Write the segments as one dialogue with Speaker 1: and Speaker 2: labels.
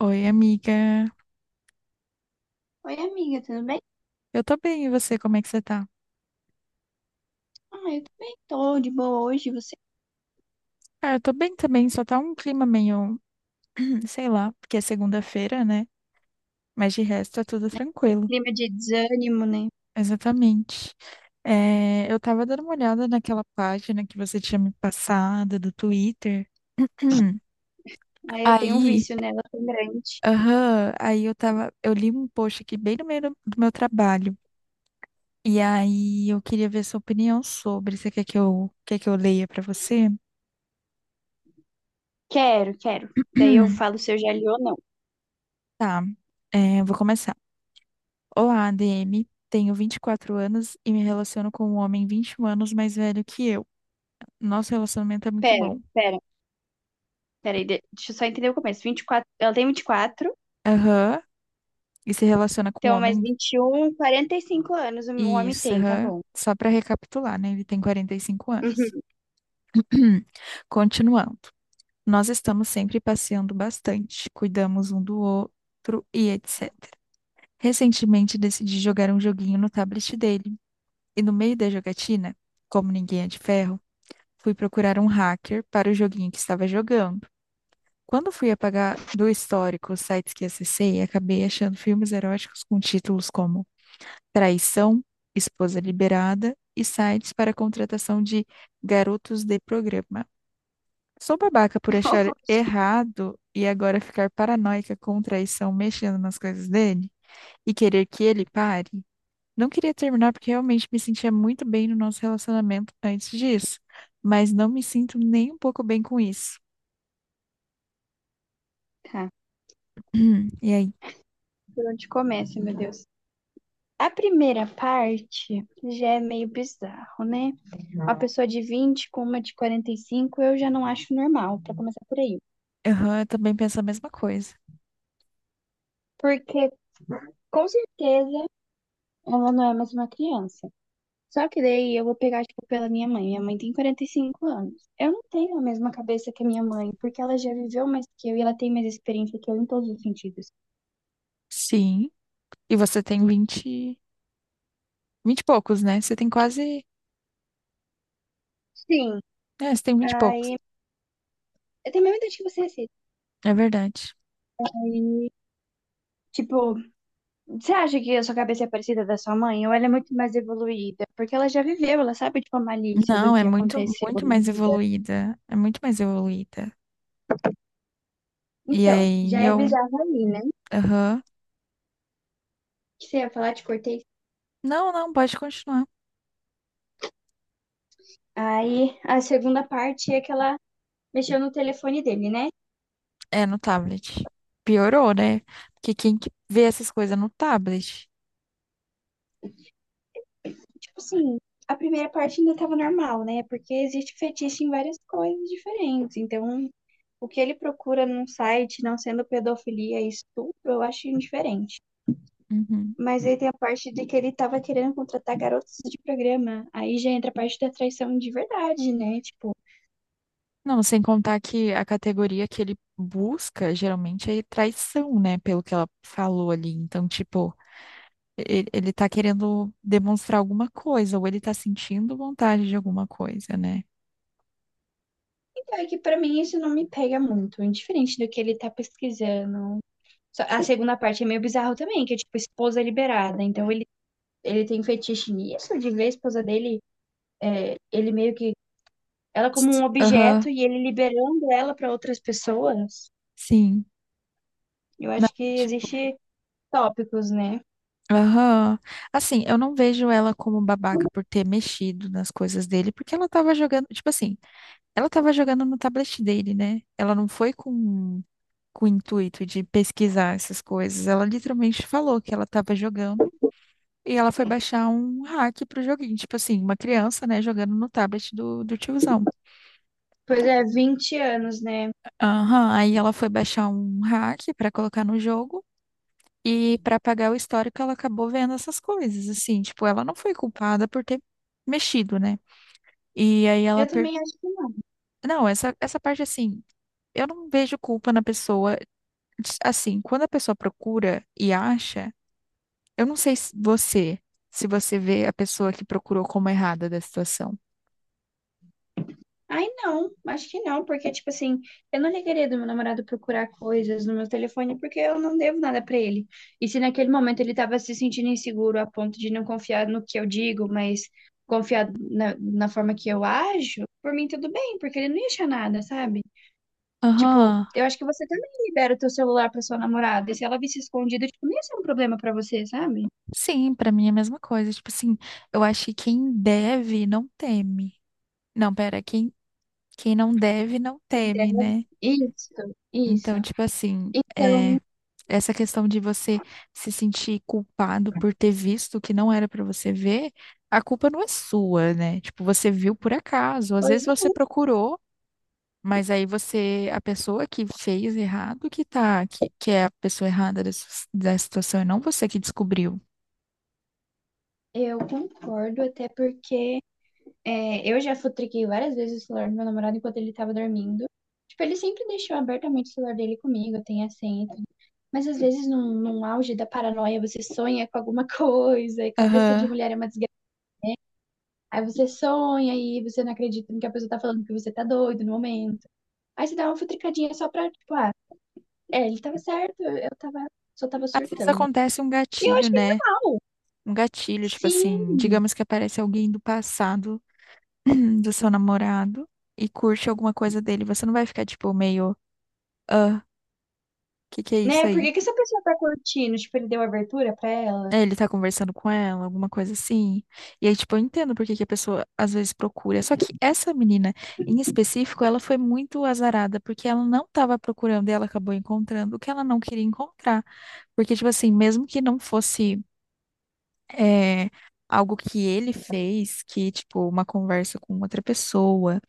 Speaker 1: Oi, amiga.
Speaker 2: Oi, amiga, tudo bem?
Speaker 1: Eu tô bem, e você, como é que você tá?
Speaker 2: Ah, eu também tô de boa hoje, você,
Speaker 1: Ah, eu tô bem também, só tá um clima meio, sei lá, porque é segunda-feira, né? Mas de resto é tudo
Speaker 2: né?
Speaker 1: tranquilo.
Speaker 2: Clima de desânimo, né?
Speaker 1: Exatamente. Eu tava dando uma olhada naquela página que você tinha me passado do Twitter.
Speaker 2: Aí eu tenho um
Speaker 1: Aí,
Speaker 2: vício nela tão grande.
Speaker 1: aham, eu li um post aqui bem no meio do meu trabalho. E aí eu queria ver sua opinião sobre. Você quer quer que eu leia pra você?
Speaker 2: Quero, quero. Daí eu falo se eu já li ou não.
Speaker 1: Tá, eu vou começar. Olá, ADM. Tenho 24 anos e me relaciono com um homem 21 anos mais velho que eu. Nosso relacionamento é muito
Speaker 2: Pera,
Speaker 1: bom.
Speaker 2: pera, pera aí, deixa eu só entender o começo. Vinte e quatro Ela tem 24,
Speaker 1: Aham. E se relaciona com um
Speaker 2: então mais
Speaker 1: homem.
Speaker 2: 21, 45 anos o homem
Speaker 1: Isso,
Speaker 2: tem, tá
Speaker 1: aham.
Speaker 2: bom.
Speaker 1: Só para recapitular, né? Ele tem 45 anos.
Speaker 2: Uhum.
Speaker 1: Continuando. Nós estamos sempre passeando bastante, cuidamos um do outro e etc. Recentemente decidi jogar um joguinho no tablet dele. E no meio da jogatina, como ninguém é de ferro, fui procurar um hacker para o joguinho que estava jogando. Quando fui apagar do histórico os sites que acessei, acabei achando filmes eróticos com títulos como Traição, Esposa Liberada e sites para contratação de garotos de programa. Sou babaca por achar errado e agora ficar paranoica com traição mexendo nas coisas dele e querer que ele pare. Não queria terminar porque realmente me sentia muito bem no nosso relacionamento antes disso, mas não me sinto nem um pouco bem com isso.
Speaker 2: Tá,
Speaker 1: E aí?
Speaker 2: por onde começa, meu Deus? A primeira parte já é meio bizarro, né? Uma pessoa de 20 com uma de 45 eu já não acho normal, pra começar por aí.
Speaker 1: Aham, eu também penso a mesma coisa.
Speaker 2: Porque com certeza ela não é mais uma criança. Só que daí eu vou pegar, tipo, pela minha mãe. Minha mãe tem 45 anos. Eu não tenho a mesma cabeça que a minha mãe, porque ela já viveu mais que eu e ela tem mais experiência que eu em todos os sentidos.
Speaker 1: Sim. E você tem 20 e poucos, né? Você tem quase.
Speaker 2: Sim,
Speaker 1: É, você tem 20 e poucos.
Speaker 2: aí eu tenho a mesma idade que você, Cid.
Speaker 1: É verdade.
Speaker 2: Aí, tipo, você acha que a sua cabeça é parecida da sua mãe? Ou ela é muito mais evoluída? Porque ela já viveu, ela sabe, tipo, a malícia do
Speaker 1: Não, é
Speaker 2: que
Speaker 1: muito,
Speaker 2: aconteceu
Speaker 1: muito
Speaker 2: na
Speaker 1: mais
Speaker 2: vida.
Speaker 1: evoluída. É muito mais evoluída. E
Speaker 2: Então, já
Speaker 1: aí
Speaker 2: é
Speaker 1: eu.
Speaker 2: bizarro ali, né?
Speaker 1: Aham.
Speaker 2: Que você ia falar? Te cortei.
Speaker 1: Não, não, pode continuar.
Speaker 2: Aí a segunda parte é que ela mexeu no telefone dele, né?
Speaker 1: É no tablet. Piorou, né? Porque quem que vê essas coisas no tablet?
Speaker 2: Tipo assim, a primeira parte ainda tava normal, né? Porque existe fetiche em várias coisas diferentes. Então, o que ele procura num site, não sendo pedofilia e estupro, eu acho indiferente.
Speaker 1: Uhum.
Speaker 2: Mas aí tem a parte de que ele tava querendo contratar garotos de programa. Aí já entra a parte da traição de verdade, né? Tipo,
Speaker 1: Não, sem contar que a categoria que ele busca geralmente é traição, né? Pelo que ela falou ali. Então, tipo. Ele tá querendo demonstrar alguma coisa, ou ele tá sentindo vontade de alguma coisa, né?
Speaker 2: então é que pra mim isso não me pega muito. É indiferente do que ele tá pesquisando. A segunda parte é meio bizarro também, que é tipo esposa liberada. Então ele tem fetiche nisso, de ver a esposa dele, ele meio que ela como um
Speaker 1: Aham.
Speaker 2: objeto e ele liberando ela para outras pessoas.
Speaker 1: Sim.
Speaker 2: Eu
Speaker 1: Não,
Speaker 2: acho que
Speaker 1: tipo,
Speaker 2: existe tópicos, né?
Speaker 1: aham. Assim, eu não vejo ela como babaca por ter mexido nas coisas dele, porque ela tava jogando, tipo assim, ela tava jogando no tablet dele, né? Ela não foi com o intuito de pesquisar essas coisas. Ela literalmente falou que ela tava jogando e ela foi baixar um hack pro joguinho, tipo assim, uma criança, né, jogando no tablet do tiozão.
Speaker 2: Pois é, 20 anos, né?
Speaker 1: Aham, aí ela foi baixar um hack pra colocar no jogo e pra apagar o histórico ela acabou vendo essas coisas, assim, tipo, ela não foi culpada por ter mexido, né? E aí ela
Speaker 2: Eu
Speaker 1: per...
Speaker 2: também acho que não.
Speaker 1: Não, essa parte assim, eu não vejo culpa na pessoa, assim, quando a pessoa procura e acha, eu não sei se você vê a pessoa que procurou como errada da situação.
Speaker 2: Ai, não, acho que não, porque, tipo assim, eu não ligaria do meu namorado procurar coisas no meu telefone porque eu não devo nada pra ele. E se naquele momento ele tava se sentindo inseguro a ponto de não confiar no que eu digo, mas confiar na forma que eu ajo, por mim tudo bem, porque ele não ia achar nada, sabe? Tipo,
Speaker 1: Aham.
Speaker 2: eu acho que você também libera o teu celular pra sua namorada, e se ela visse escondido, tipo, não ia ser um problema pra você, sabe?
Speaker 1: Sim, pra mim é a mesma coisa, tipo assim, eu acho que quem deve não teme. Não, pera, quem Quem não deve, não teme,
Speaker 2: Deve-
Speaker 1: né?
Speaker 2: Isso, isso.
Speaker 1: Então, tipo assim,
Speaker 2: Então,
Speaker 1: essa questão de você se sentir culpado por ter visto o que não era pra você ver, a culpa não é sua, né? Tipo, você viu por acaso, às
Speaker 2: pois
Speaker 1: vezes você procurou, mas aí você, a pessoa que fez errado, que é a pessoa errada da situação, é não você que descobriu.
Speaker 2: é, eu concordo, até porque é, eu já futriquei várias vezes o celular do meu namorado enquanto ele tava dormindo. Tipo, ele sempre deixou abertamente o celular dele comigo, tem a senha e tudo. Mas às vezes, num auge da paranoia, você sonha com alguma coisa, e cabeça de
Speaker 1: Aham.
Speaker 2: mulher é uma desgraça. Aí você sonha e você não acredita no que a pessoa tá falando, que você tá doido no momento. Aí você dá uma futricadinha só pra, tipo, ah, é, ele tava certo, eu tava, só tava
Speaker 1: Às vezes
Speaker 2: surtando.
Speaker 1: acontece um
Speaker 2: E eu
Speaker 1: gatilho,
Speaker 2: acho que é
Speaker 1: né?
Speaker 2: normal.
Speaker 1: Um gatilho, tipo assim,
Speaker 2: Sim,
Speaker 1: digamos que aparece alguém do passado do seu namorado e curte alguma coisa dele, você não vai ficar tipo meio, ah, que é isso
Speaker 2: né? Por
Speaker 1: aí?
Speaker 2: que que essa pessoa tá curtindo? Tipo, ele deu abertura pra ela?
Speaker 1: É, ele tá conversando com ela, alguma coisa assim. E aí, tipo, eu entendo por que que a pessoa às vezes procura. Só que essa menina, em específico, ela foi muito azarada, porque ela não tava procurando e ela acabou encontrando o que ela não queria encontrar. Porque, tipo assim, mesmo que não fosse. é, algo que ele fez, que, tipo, uma conversa com outra pessoa,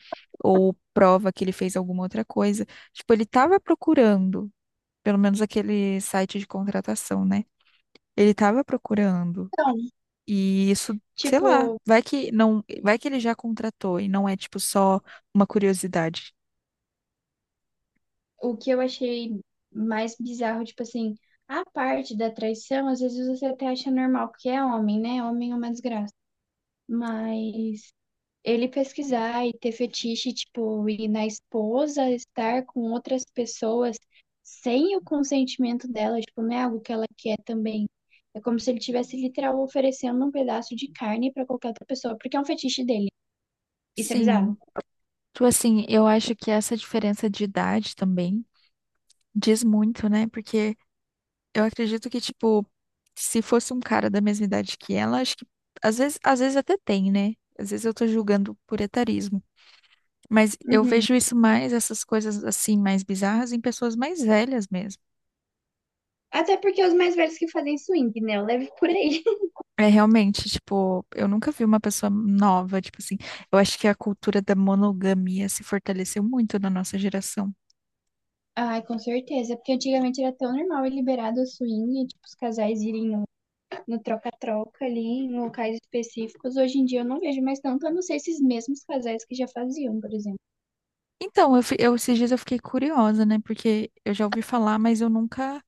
Speaker 1: ou prova que ele fez alguma outra coisa. Tipo, ele estava procurando, pelo menos aquele site de contratação, né? Ele estava procurando.
Speaker 2: Então,
Speaker 1: E isso, sei lá,
Speaker 2: tipo,
Speaker 1: vai que não, vai que ele já contratou e não é, tipo, só uma curiosidade.
Speaker 2: o que eu achei mais bizarro, tipo assim, a parte da traição, às vezes você até acha normal, porque é homem, né? Homem é uma desgraça. Mas ele pesquisar e ter fetiche, tipo, e na esposa estar com outras pessoas sem o consentimento dela, tipo, não é algo que ela quer também. É como se ele tivesse literal oferecendo um pedaço de carne pra qualquer outra pessoa, porque é um fetiche dele. Isso é
Speaker 1: Sim.
Speaker 2: bizarro.
Speaker 1: Tipo assim, eu acho que essa diferença de idade também diz muito, né? Porque eu acredito que, tipo, se fosse um cara da mesma idade que ela, acho que às vezes até tem, né? Às vezes eu tô julgando por etarismo. Mas eu
Speaker 2: Uhum.
Speaker 1: vejo isso mais, essas coisas assim, mais bizarras, em pessoas mais velhas mesmo.
Speaker 2: Até porque os mais velhos que fazem swing, né? Eu levo por aí.
Speaker 1: É realmente, tipo, eu nunca vi uma pessoa nova, tipo assim. Eu acho que a cultura da monogamia se fortaleceu muito na nossa geração.
Speaker 2: Ai, com certeza, é porque antigamente era tão normal e liberado o swing, tipo, os casais irem no troca-troca ali, em locais específicos. Hoje em dia eu não vejo mais tanto, a não ser esses mesmos casais que já faziam, por exemplo.
Speaker 1: Então, esses dias eu fiquei curiosa, né? Porque eu já ouvi falar, mas eu nunca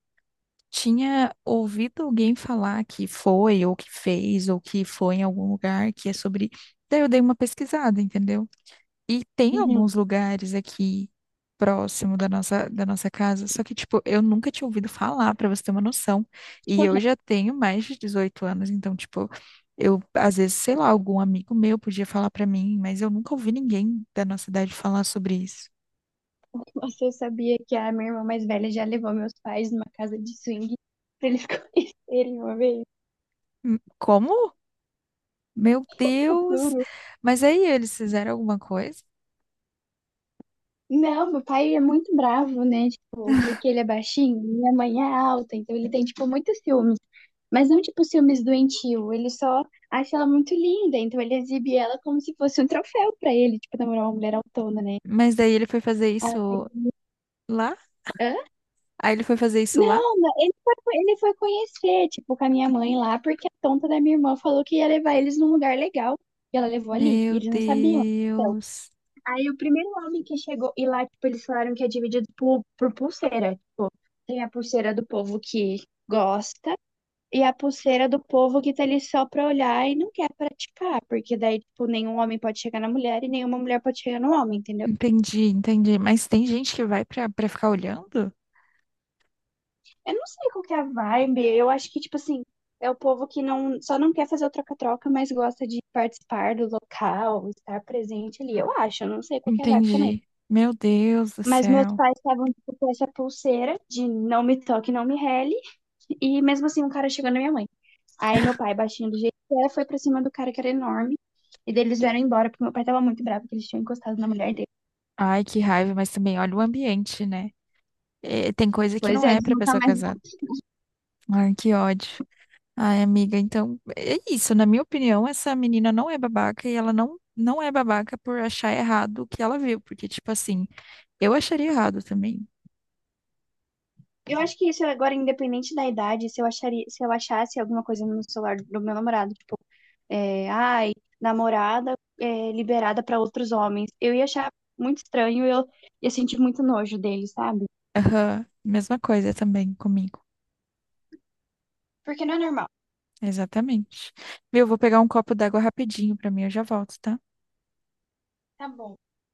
Speaker 1: tinha ouvido alguém falar que foi, ou que fez, ou que foi em algum lugar que é sobre. Daí eu dei uma pesquisada, entendeu? E tem
Speaker 2: Uhum.
Speaker 1: alguns lugares aqui próximo da nossa casa, só que, tipo, eu nunca tinha ouvido falar, pra você ter uma noção. E eu já tenho mais de 18 anos, então, tipo, eu, às vezes, sei lá, algum amigo meu podia falar pra mim, mas eu nunca ouvi ninguém da nossa idade falar sobre isso.
Speaker 2: Você sabia que a minha irmã mais velha já levou meus pais numa casa de swing pra eles conhecerem uma vez?
Speaker 1: Como? Meu Deus!
Speaker 2: Juro.
Speaker 1: Mas aí eles fizeram alguma coisa?
Speaker 2: Não, meu pai é muito bravo, né? Tipo, porque ele é baixinho, minha mãe é alta, então ele tem, tipo, muitos ciúmes. Mas não, tipo, ciúmes doentio. Ele só acha ela muito linda, então ele exibe ela como se fosse um troféu pra ele, tipo, namorar uma mulher autona, né?
Speaker 1: Mas daí ele foi fazer
Speaker 2: Ah,
Speaker 1: isso lá?
Speaker 2: hã?
Speaker 1: Aí ele foi fazer isso lá?
Speaker 2: Não, não, ele foi conhecer, tipo, com a minha mãe lá, porque a tonta da minha irmã falou que ia levar eles num lugar legal. E ela levou ali, e
Speaker 1: Meu
Speaker 2: eles não sabiam. Então,
Speaker 1: Deus.
Speaker 2: aí o primeiro homem que chegou, e lá, tipo, eles falaram que é dividido por pulseira. Tem a pulseira do povo que gosta e a pulseira do povo que tá ali só pra olhar e não quer praticar, porque daí, tipo, nenhum homem pode chegar na mulher e nenhuma mulher pode chegar no homem, entendeu?
Speaker 1: Entendi, entendi. Mas tem gente que vai pra ficar olhando?
Speaker 2: Eu não sei qual que é a vibe, eu acho que, tipo assim, é o povo que não, só não quer fazer o troca-troca, mas gosta de participar do local, estar presente ali, eu acho, eu não sei qual que é a vibe também.
Speaker 1: Entendi. Meu Deus do
Speaker 2: Mas meus
Speaker 1: céu.
Speaker 2: pais estavam, tipo, com essa pulseira de não me toque, não me rele, e mesmo assim um cara chegou na minha mãe. Aí meu pai, baixinho do jeito que é, foi pra cima do cara que era enorme. E daí eles vieram embora, porque meu pai tava muito bravo que eles tinham encostado na mulher dele.
Speaker 1: Ai, que raiva, mas também olha o ambiente, né? É, tem coisa que
Speaker 2: Pois
Speaker 1: não
Speaker 2: é,
Speaker 1: é
Speaker 2: eles
Speaker 1: pra
Speaker 2: nunca
Speaker 1: pessoa
Speaker 2: mais.
Speaker 1: casada. Ai, que ódio. Ai, amiga, então é isso. Na minha opinião, essa menina não é babaca e ela não, não é babaca por achar errado o que ela viu. Porque, tipo assim. Eu acharia errado também.
Speaker 2: Eu acho que isso é agora, independente da idade, se eu acharia, se eu achasse alguma coisa no celular do meu namorado, tipo, é, ai, namorada é, liberada pra outros homens, eu ia achar muito estranho, eu ia sentir muito nojo dele, sabe?
Speaker 1: Aham, mesma coisa também comigo.
Speaker 2: Porque não é normal.
Speaker 1: Exatamente. Viu? Vou pegar um copo d'água rapidinho pra mim, eu já volto, tá?
Speaker 2: Tá bom.